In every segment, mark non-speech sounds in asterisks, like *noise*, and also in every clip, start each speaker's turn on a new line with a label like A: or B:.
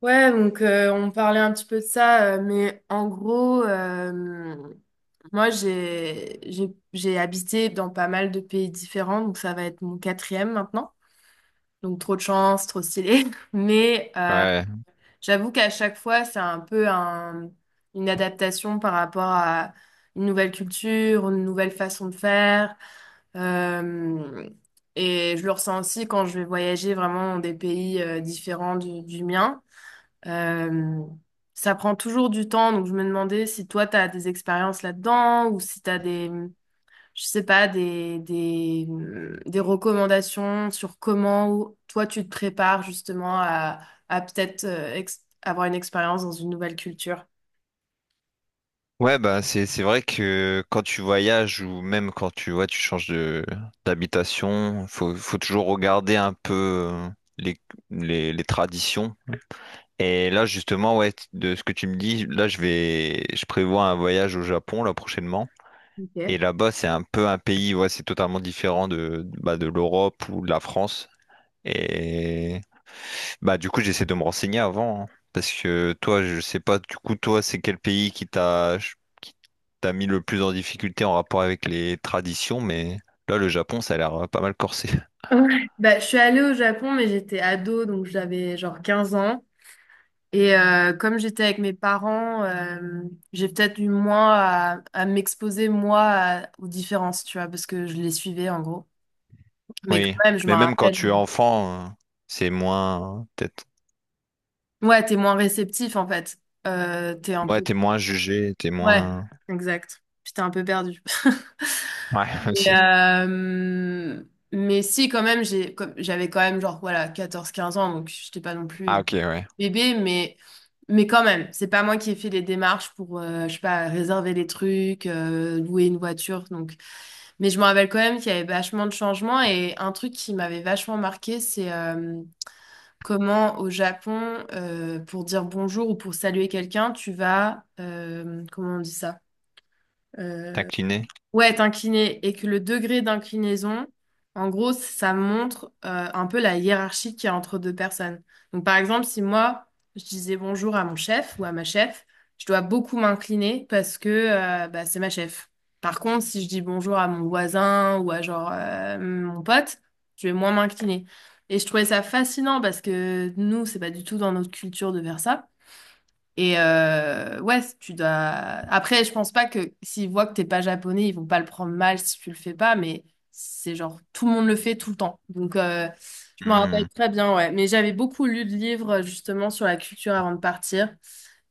A: Ouais, donc on parlait un petit peu de ça, mais en gros, moi j'ai habité dans pas mal de pays différents, donc ça va être mon quatrième maintenant. Donc trop de chance, trop stylé. *laughs* Mais
B: Ouais,
A: j'avoue qu'à chaque fois, c'est un peu une adaptation par rapport à une nouvelle culture, une nouvelle façon de faire. Euh, et je le ressens aussi quand je vais voyager vraiment dans des pays différents du mien. Euh, Ça prend toujours du temps, donc je me demandais si toi, tu as des expériences là-dedans ou si tu as des, je sais pas, des recommandations sur comment toi, tu te prépares justement à peut-être avoir une expérience dans une nouvelle culture.
B: ouais, bah c'est vrai que quand tu voyages ou même quand tu ouais tu changes de d'habitation, faut toujours regarder un peu les les traditions. Et là justement ouais de ce que tu me dis, là je prévois un voyage au Japon là prochainement. Et
A: Ok.
B: là-bas c'est un peu un pays ouais c'est totalement différent de de l'Europe ou de la France. Bah du coup j'essaie de me renseigner avant hein, parce que toi je sais pas du coup toi c'est quel pays qui t'a mis le plus en difficulté en rapport avec les traditions, mais là le Japon ça a l'air pas mal corsé. *laughs*
A: Ouais. Bah, je suis allée au Japon, mais j'étais ado, donc j'avais genre 15 ans. Et comme j'étais avec mes parents, j'ai peut-être eu moins à m'exposer, moi, aux différences, tu vois, parce que je les suivais, en gros. Mais quand
B: Oui,
A: même, je me
B: mais même quand
A: rappelle.
B: tu es enfant, c'est moins peut-être
A: Ouais, t'es moins réceptif, en fait. T'es un
B: ouais
A: peu.
B: t'es moins jugé t'es
A: Ouais,
B: moins
A: exact. Puis t'es un peu perdu. *laughs*
B: ouais
A: Et,
B: *laughs* aussi
A: euh, mais si, quand même, j'avais quand même, genre, voilà, 14-15 ans, donc j'étais pas non plus
B: ah ok ouais
A: bébé, mais quand même, c'est pas moi qui ai fait les démarches pour, je sais pas, réserver les trucs, louer une voiture. Donc. Mais je me rappelle quand même qu'il y avait vachement de changements et un truc qui m'avait vachement marqué, c'est comment au Japon, pour dire bonjour ou pour saluer quelqu'un, tu vas, comment on dit ça? euh,
B: t'incliner
A: Ouais, t'incliner et que le degré d'inclinaison, en gros, ça montre un peu la hiérarchie qu'il y a entre deux personnes. Donc, par exemple, si moi, je disais bonjour à mon chef ou à ma chef, je dois beaucoup m'incliner parce que bah, c'est ma chef. Par contre, si je dis bonjour à mon voisin ou à genre mon pote, je vais moins m'incliner. Et je trouvais ça fascinant parce que nous, c'est pas du tout dans notre culture de faire ça. Et ouais, tu dois. Après, je pense pas que s'ils voient que t'es pas japonais, ils vont pas le prendre mal si tu le fais pas, mais c'est genre tout le monde le fait tout le temps. Donc, je m'en rappelle
B: ouais
A: très bien, ouais. Mais j'avais beaucoup lu de livres justement sur la culture avant de partir.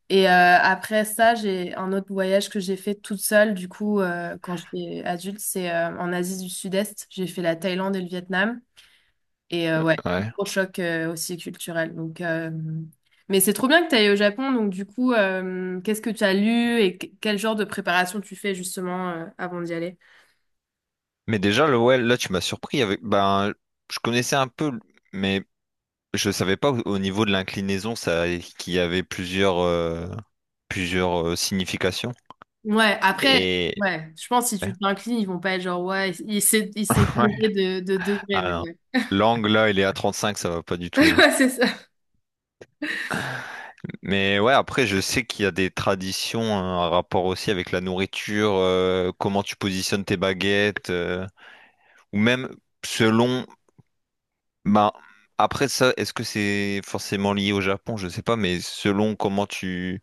A: Et après ça, j'ai un autre voyage que j'ai fait toute seule, du coup, quand j'étais adulte, c'est en Asie du Sud-Est. J'ai fait la Thaïlande et le Vietnam. Et ouais, gros choc aussi culturel. Donc. Mais c'est trop bien que tu ailles au Japon. Donc, du coup, qu'est-ce que tu as lu quel genre de préparation tu fais justement avant d'y aller?
B: mais déjà le ouais là tu m'as surpris avec ben je connaissais un peu mais je savais pas au au niveau de l'inclinaison ça qu'il y avait plusieurs significations.
A: Ouais, après,
B: Et
A: ouais, je pense que si tu t'inclines, ils vont pas être genre, ouais, il s'est
B: ouais.
A: gouré de degrés.
B: Ah
A: Mais
B: non.
A: ouais,
B: L'angle là, il est à 35, ça va pas du
A: *laughs*
B: tout là.
A: Ouais, c'est ça.
B: Mais ouais, après je sais qu'il y a des traditions, hein, un rapport aussi avec la nourriture, comment tu positionnes tes baguettes, ou même selon bah après ça, est-ce que c'est forcément lié au Japon? Je sais pas, mais selon comment tu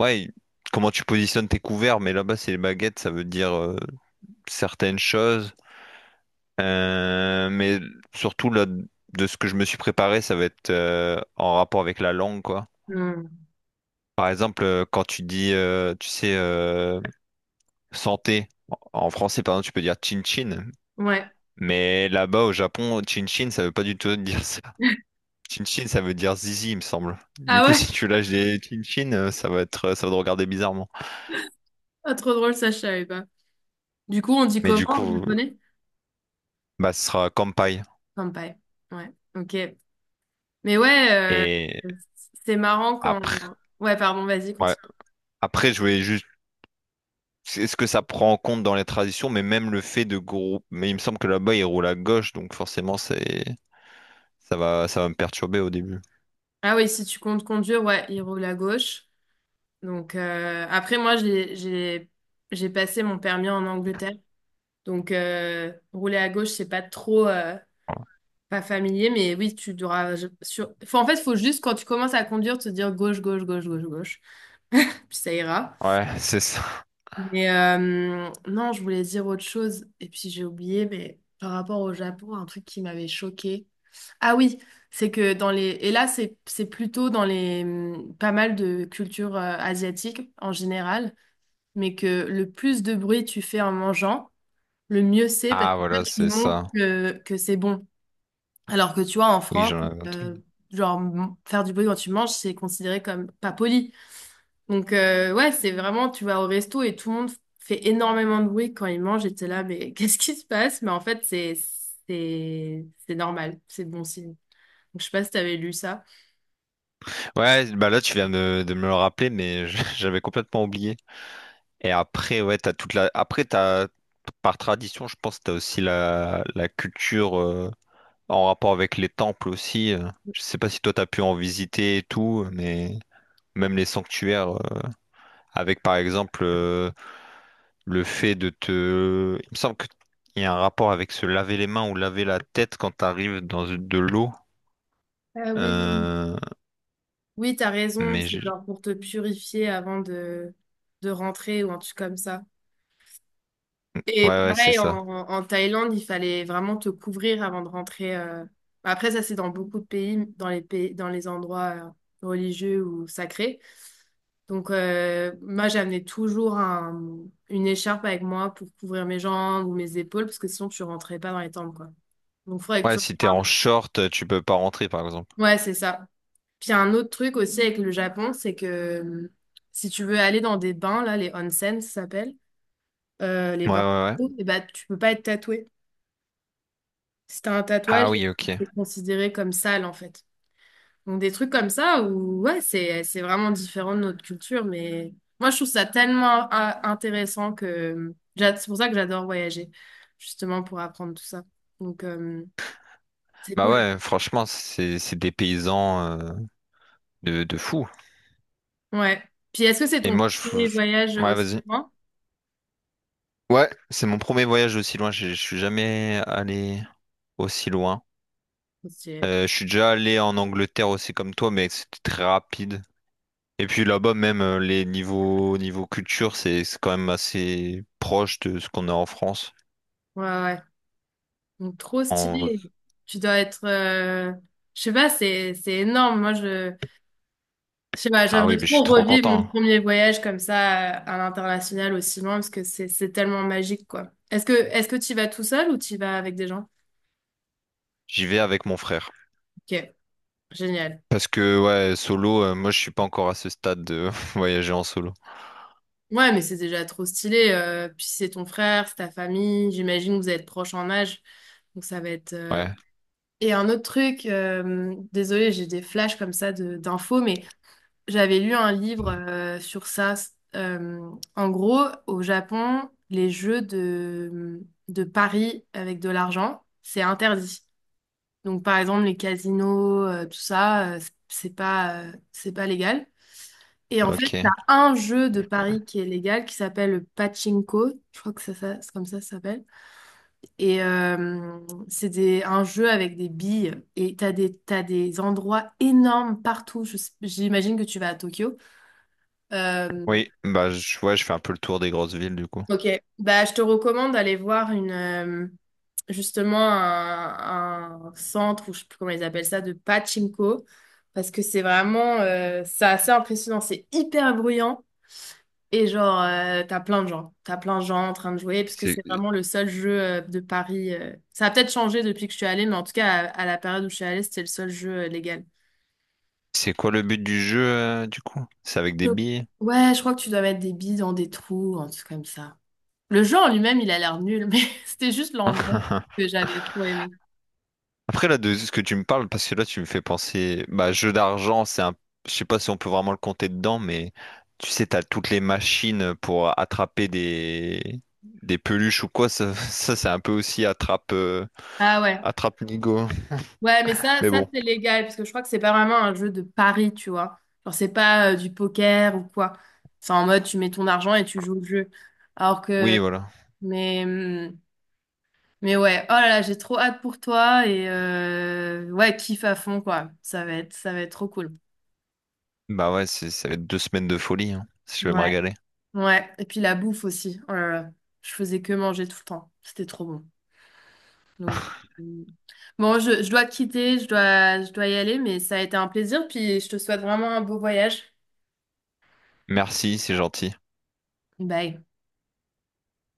B: ouais, comment tu positionnes tes couverts, mais là-bas c'est les baguettes, ça veut dire certaines choses. Mais surtout, là, de ce que je me suis préparé, ça va être en rapport avec la langue, quoi.
A: Hmm.
B: Par exemple, quand tu dis, tu sais, santé, en français, par exemple, tu peux dire chin-chin,
A: Ouais.
B: mais là-bas, au Japon, chin-chin, ça veut pas du tout *laughs* dire ça.
A: *laughs*
B: Chin-chin, ça veut dire zizi, il me semble. Du
A: Ah
B: coup, *laughs*
A: ouais?
B: si tu lâches des chin-chin, ça va être, ça va te regarder bizarrement.
A: Ah, trop drôle, ça, je savais pas. Du coup, on dit
B: Mais
A: comment
B: du
A: en
B: coup,
A: japonais?
B: bah, ce sera kampai.
A: Kanpai. Ouais, ok. Mais ouais, euh,
B: Et
A: c'est marrant quand.
B: après,
A: Ouais, pardon, vas-y,
B: ouais.
A: continue.
B: Après, je voulais juste c'est- est-ce que ça prend en compte dans les traditions, mais même le fait de groupe. Mais il me semble que là-bas, ils roulent à gauche, donc forcément, c'est ça va me perturber au début.
A: Ah oui, si tu comptes conduire, ouais, il roule à gauche. Donc, après, moi, j'ai passé mon permis en Angleterre. Donc, rouler à gauche, c'est pas trop pas familier, mais oui, tu devras. Faut, en fait, faut juste quand tu commences à conduire, te dire gauche, gauche, gauche, gauche, gauche. Puis ça ira.
B: Ouais, *laughs* c'est ça.
A: Mais non, je voulais dire autre chose, et puis j'ai oublié, mais par rapport au Japon, un truc qui m'avait choqué. Ah oui, c'est que dans les, et là, c'est plutôt dans les, pas mal de cultures asiatiques en général, mais que le plus de bruit tu fais en mangeant, le mieux c'est parce
B: Ah,
A: que ça,
B: voilà,
A: tu
B: c'est
A: montres
B: ça.
A: que c'est bon. Alors que tu vois, en
B: Oui,
A: France,
B: j'en avais entendu.
A: euh, genre faire du bruit quand tu manges, c'est considéré comme pas poli. Donc, ouais, c'est vraiment, tu vas au resto et tout le monde fait énormément de bruit quand ils mangent et t'es là, mais *laughs* qu'est-ce qui se passe? Mais en fait, c'est normal, c'est bon signe. Donc, je sais pas si t'avais lu ça.
B: Ouais, bah là, tu viens de me le rappeler, mais je- *laughs* j'avais complètement oublié. Et après, ouais, t'as toute la. Après, t'as par tradition, je pense, t'as aussi la culture en rapport avec les temples aussi. Euh. Je sais pas si toi, t'as pu en visiter et tout, mais même les sanctuaires, avec par exemple. Euh, le fait de te... Il me semble qu'il y a un rapport avec se laver les mains ou laver la tête quand t'arrives dans de l'eau.
A: Ah oui.
B: Euh,
A: Oui, t'as raison,
B: Mais
A: c'est
B: je-
A: genre pour te purifier avant de rentrer ou un truc comme ça. Et
B: ouais, c'est
A: pareil, en,
B: ça.
A: en Thaïlande, il fallait vraiment te couvrir avant de rentrer. Après, ça, c'est dans beaucoup de pays, dans les endroits religieux ou sacrés. Donc, moi, j'amenais toujours une écharpe avec moi pour couvrir mes jambes ou mes épaules, parce que sinon, tu rentrais pas dans les tempes, quoi. Donc, il faudrait que
B: Ouais,
A: tu
B: si t'es en
A: regardes.
B: short, tu peux pas rentrer, par exemple.
A: Ouais, c'est ça. Puis, il y a un autre truc aussi avec le Japon, c'est que si tu veux aller dans des bains, là, les onsen, ça s'appelle, les bains,
B: Ouais.
A: et bah, tu peux pas être tatoué. Si t'as un
B: Ah
A: tatouage,
B: oui, ok.
A: c'est considéré comme sale, en fait. Donc des trucs comme ça où ouais, c'est vraiment différent de notre culture, mais moi je trouve ça tellement intéressant que c'est pour ça que j'adore voyager, justement pour apprendre tout ça. Donc, c'est
B: Bah
A: cool.
B: ouais, franchement, c'est des paysans de fou.
A: Ouais. Puis est-ce que c'est
B: Et
A: ton
B: moi,
A: premier
B: je-
A: voyage
B: Ouais,
A: aussi
B: vas-y.
A: loin?
B: Ouais, c'est mon premier voyage aussi loin. Je suis jamais allé aussi loin.
A: Trop stylé.
B: Je suis déjà allé en Angleterre aussi comme toi, mais c'était très rapide. Et puis là-bas, même les niveaux niveau culture, c'est quand même assez proche de ce qu'on a en France.
A: Ouais, ouais. Donc trop
B: En vrai.
A: stylé. Tu dois être je sais pas, c'est énorme. Moi je sais pas,
B: Ah
A: j'aimerais
B: oui, mais je suis
A: trop
B: trop
A: revivre mon
B: content.
A: premier voyage comme ça à l'international aussi loin parce que c'est tellement magique quoi. Est-ce que tu y vas tout seul ou tu y vas avec des gens?
B: J'y vais avec mon frère.
A: Ok, génial.
B: Parce que ouais, solo, moi je suis pas encore à ce stade de *laughs* voyager en solo.
A: Ouais, mais c'est déjà trop stylé. Puis c'est ton frère, c'est ta famille. J'imagine que vous êtes proches en âge, donc ça va être.
B: Ouais,
A: Et un autre truc, désolé, j'ai des flashs comme ça de d'infos, mais j'avais lu un livre sur ça. Euh, En gros, au Japon, les jeux de paris avec de l'argent, c'est interdit. Donc, par exemple, les casinos, tout ça, c'est pas légal. Et en fait, t'as
B: ok.
A: un jeu de paris qui est légal qui s'appelle le pachinko. Je crois que c'est comme ça ça s'appelle. Et c'est un jeu avec des billes. Et t'as des endroits énormes partout. J'imagine que tu vas à Tokyo.
B: Oui, bah je, ouais, je fais un peu le tour des grosses villes du coup.
A: Ok, bah, je te recommande d'aller voir justement un centre, ou je sais plus comment ils appellent ça, de pachinko, parce que c'est vraiment, c'est assez impressionnant, c'est hyper bruyant, et genre, t'as plein de gens en train de jouer, parce que
B: C'est
A: c'est vraiment le seul jeu de paris. Ça a peut-être changé depuis que je suis allée, mais en tout cas, à la période où je suis allée, c'était le seul jeu légal.
B: c'est quoi le but du jeu du coup? C'est avec des
A: Je-
B: billets?
A: Ouais, je crois que tu dois mettre des billes dans des trous, un truc comme ça. Le jeu en lui-même, il a l'air nul, mais *laughs* c'était juste l'ambiance
B: *laughs*
A: que j'avais trop aimé.
B: Après, là, de ce que tu me parles, parce que là, tu me fais penser, bah, jeu d'argent, c'est un, je sais pas si on peut vraiment le compter dedans, mais tu sais, t'as toutes les machines pour attraper des peluches ou quoi, ça, *laughs* ça, c'est un peu aussi attrape,
A: Ah ouais.
B: attrape Nigo.
A: Ouais, mais ça,
B: Mais
A: ça
B: bon,
A: c'est légal, parce que je crois que c'est pas vraiment un jeu de pari, tu vois. Genre, c'est pas du poker ou quoi. C'est en mode, tu mets ton argent et tu joues le jeu. Alors
B: oui,
A: que,
B: voilà.
A: mais, hum, mais ouais, oh là là, j'ai trop hâte pour toi et ouais, kiffe à fond, quoi. Ça va être trop cool.
B: Bah ouais, c'est- ça va être 2 semaines de folie, hein. Je vais me
A: Ouais,
B: régaler.
A: ouais. Et puis la bouffe aussi. Oh là là, je faisais que manger tout le temps. C'était trop bon. Donc, euh, bon, je dois te quitter, je dois y aller, mais ça a été un plaisir, puis je te souhaite vraiment un beau voyage.
B: Merci, c'est gentil.
A: Bye.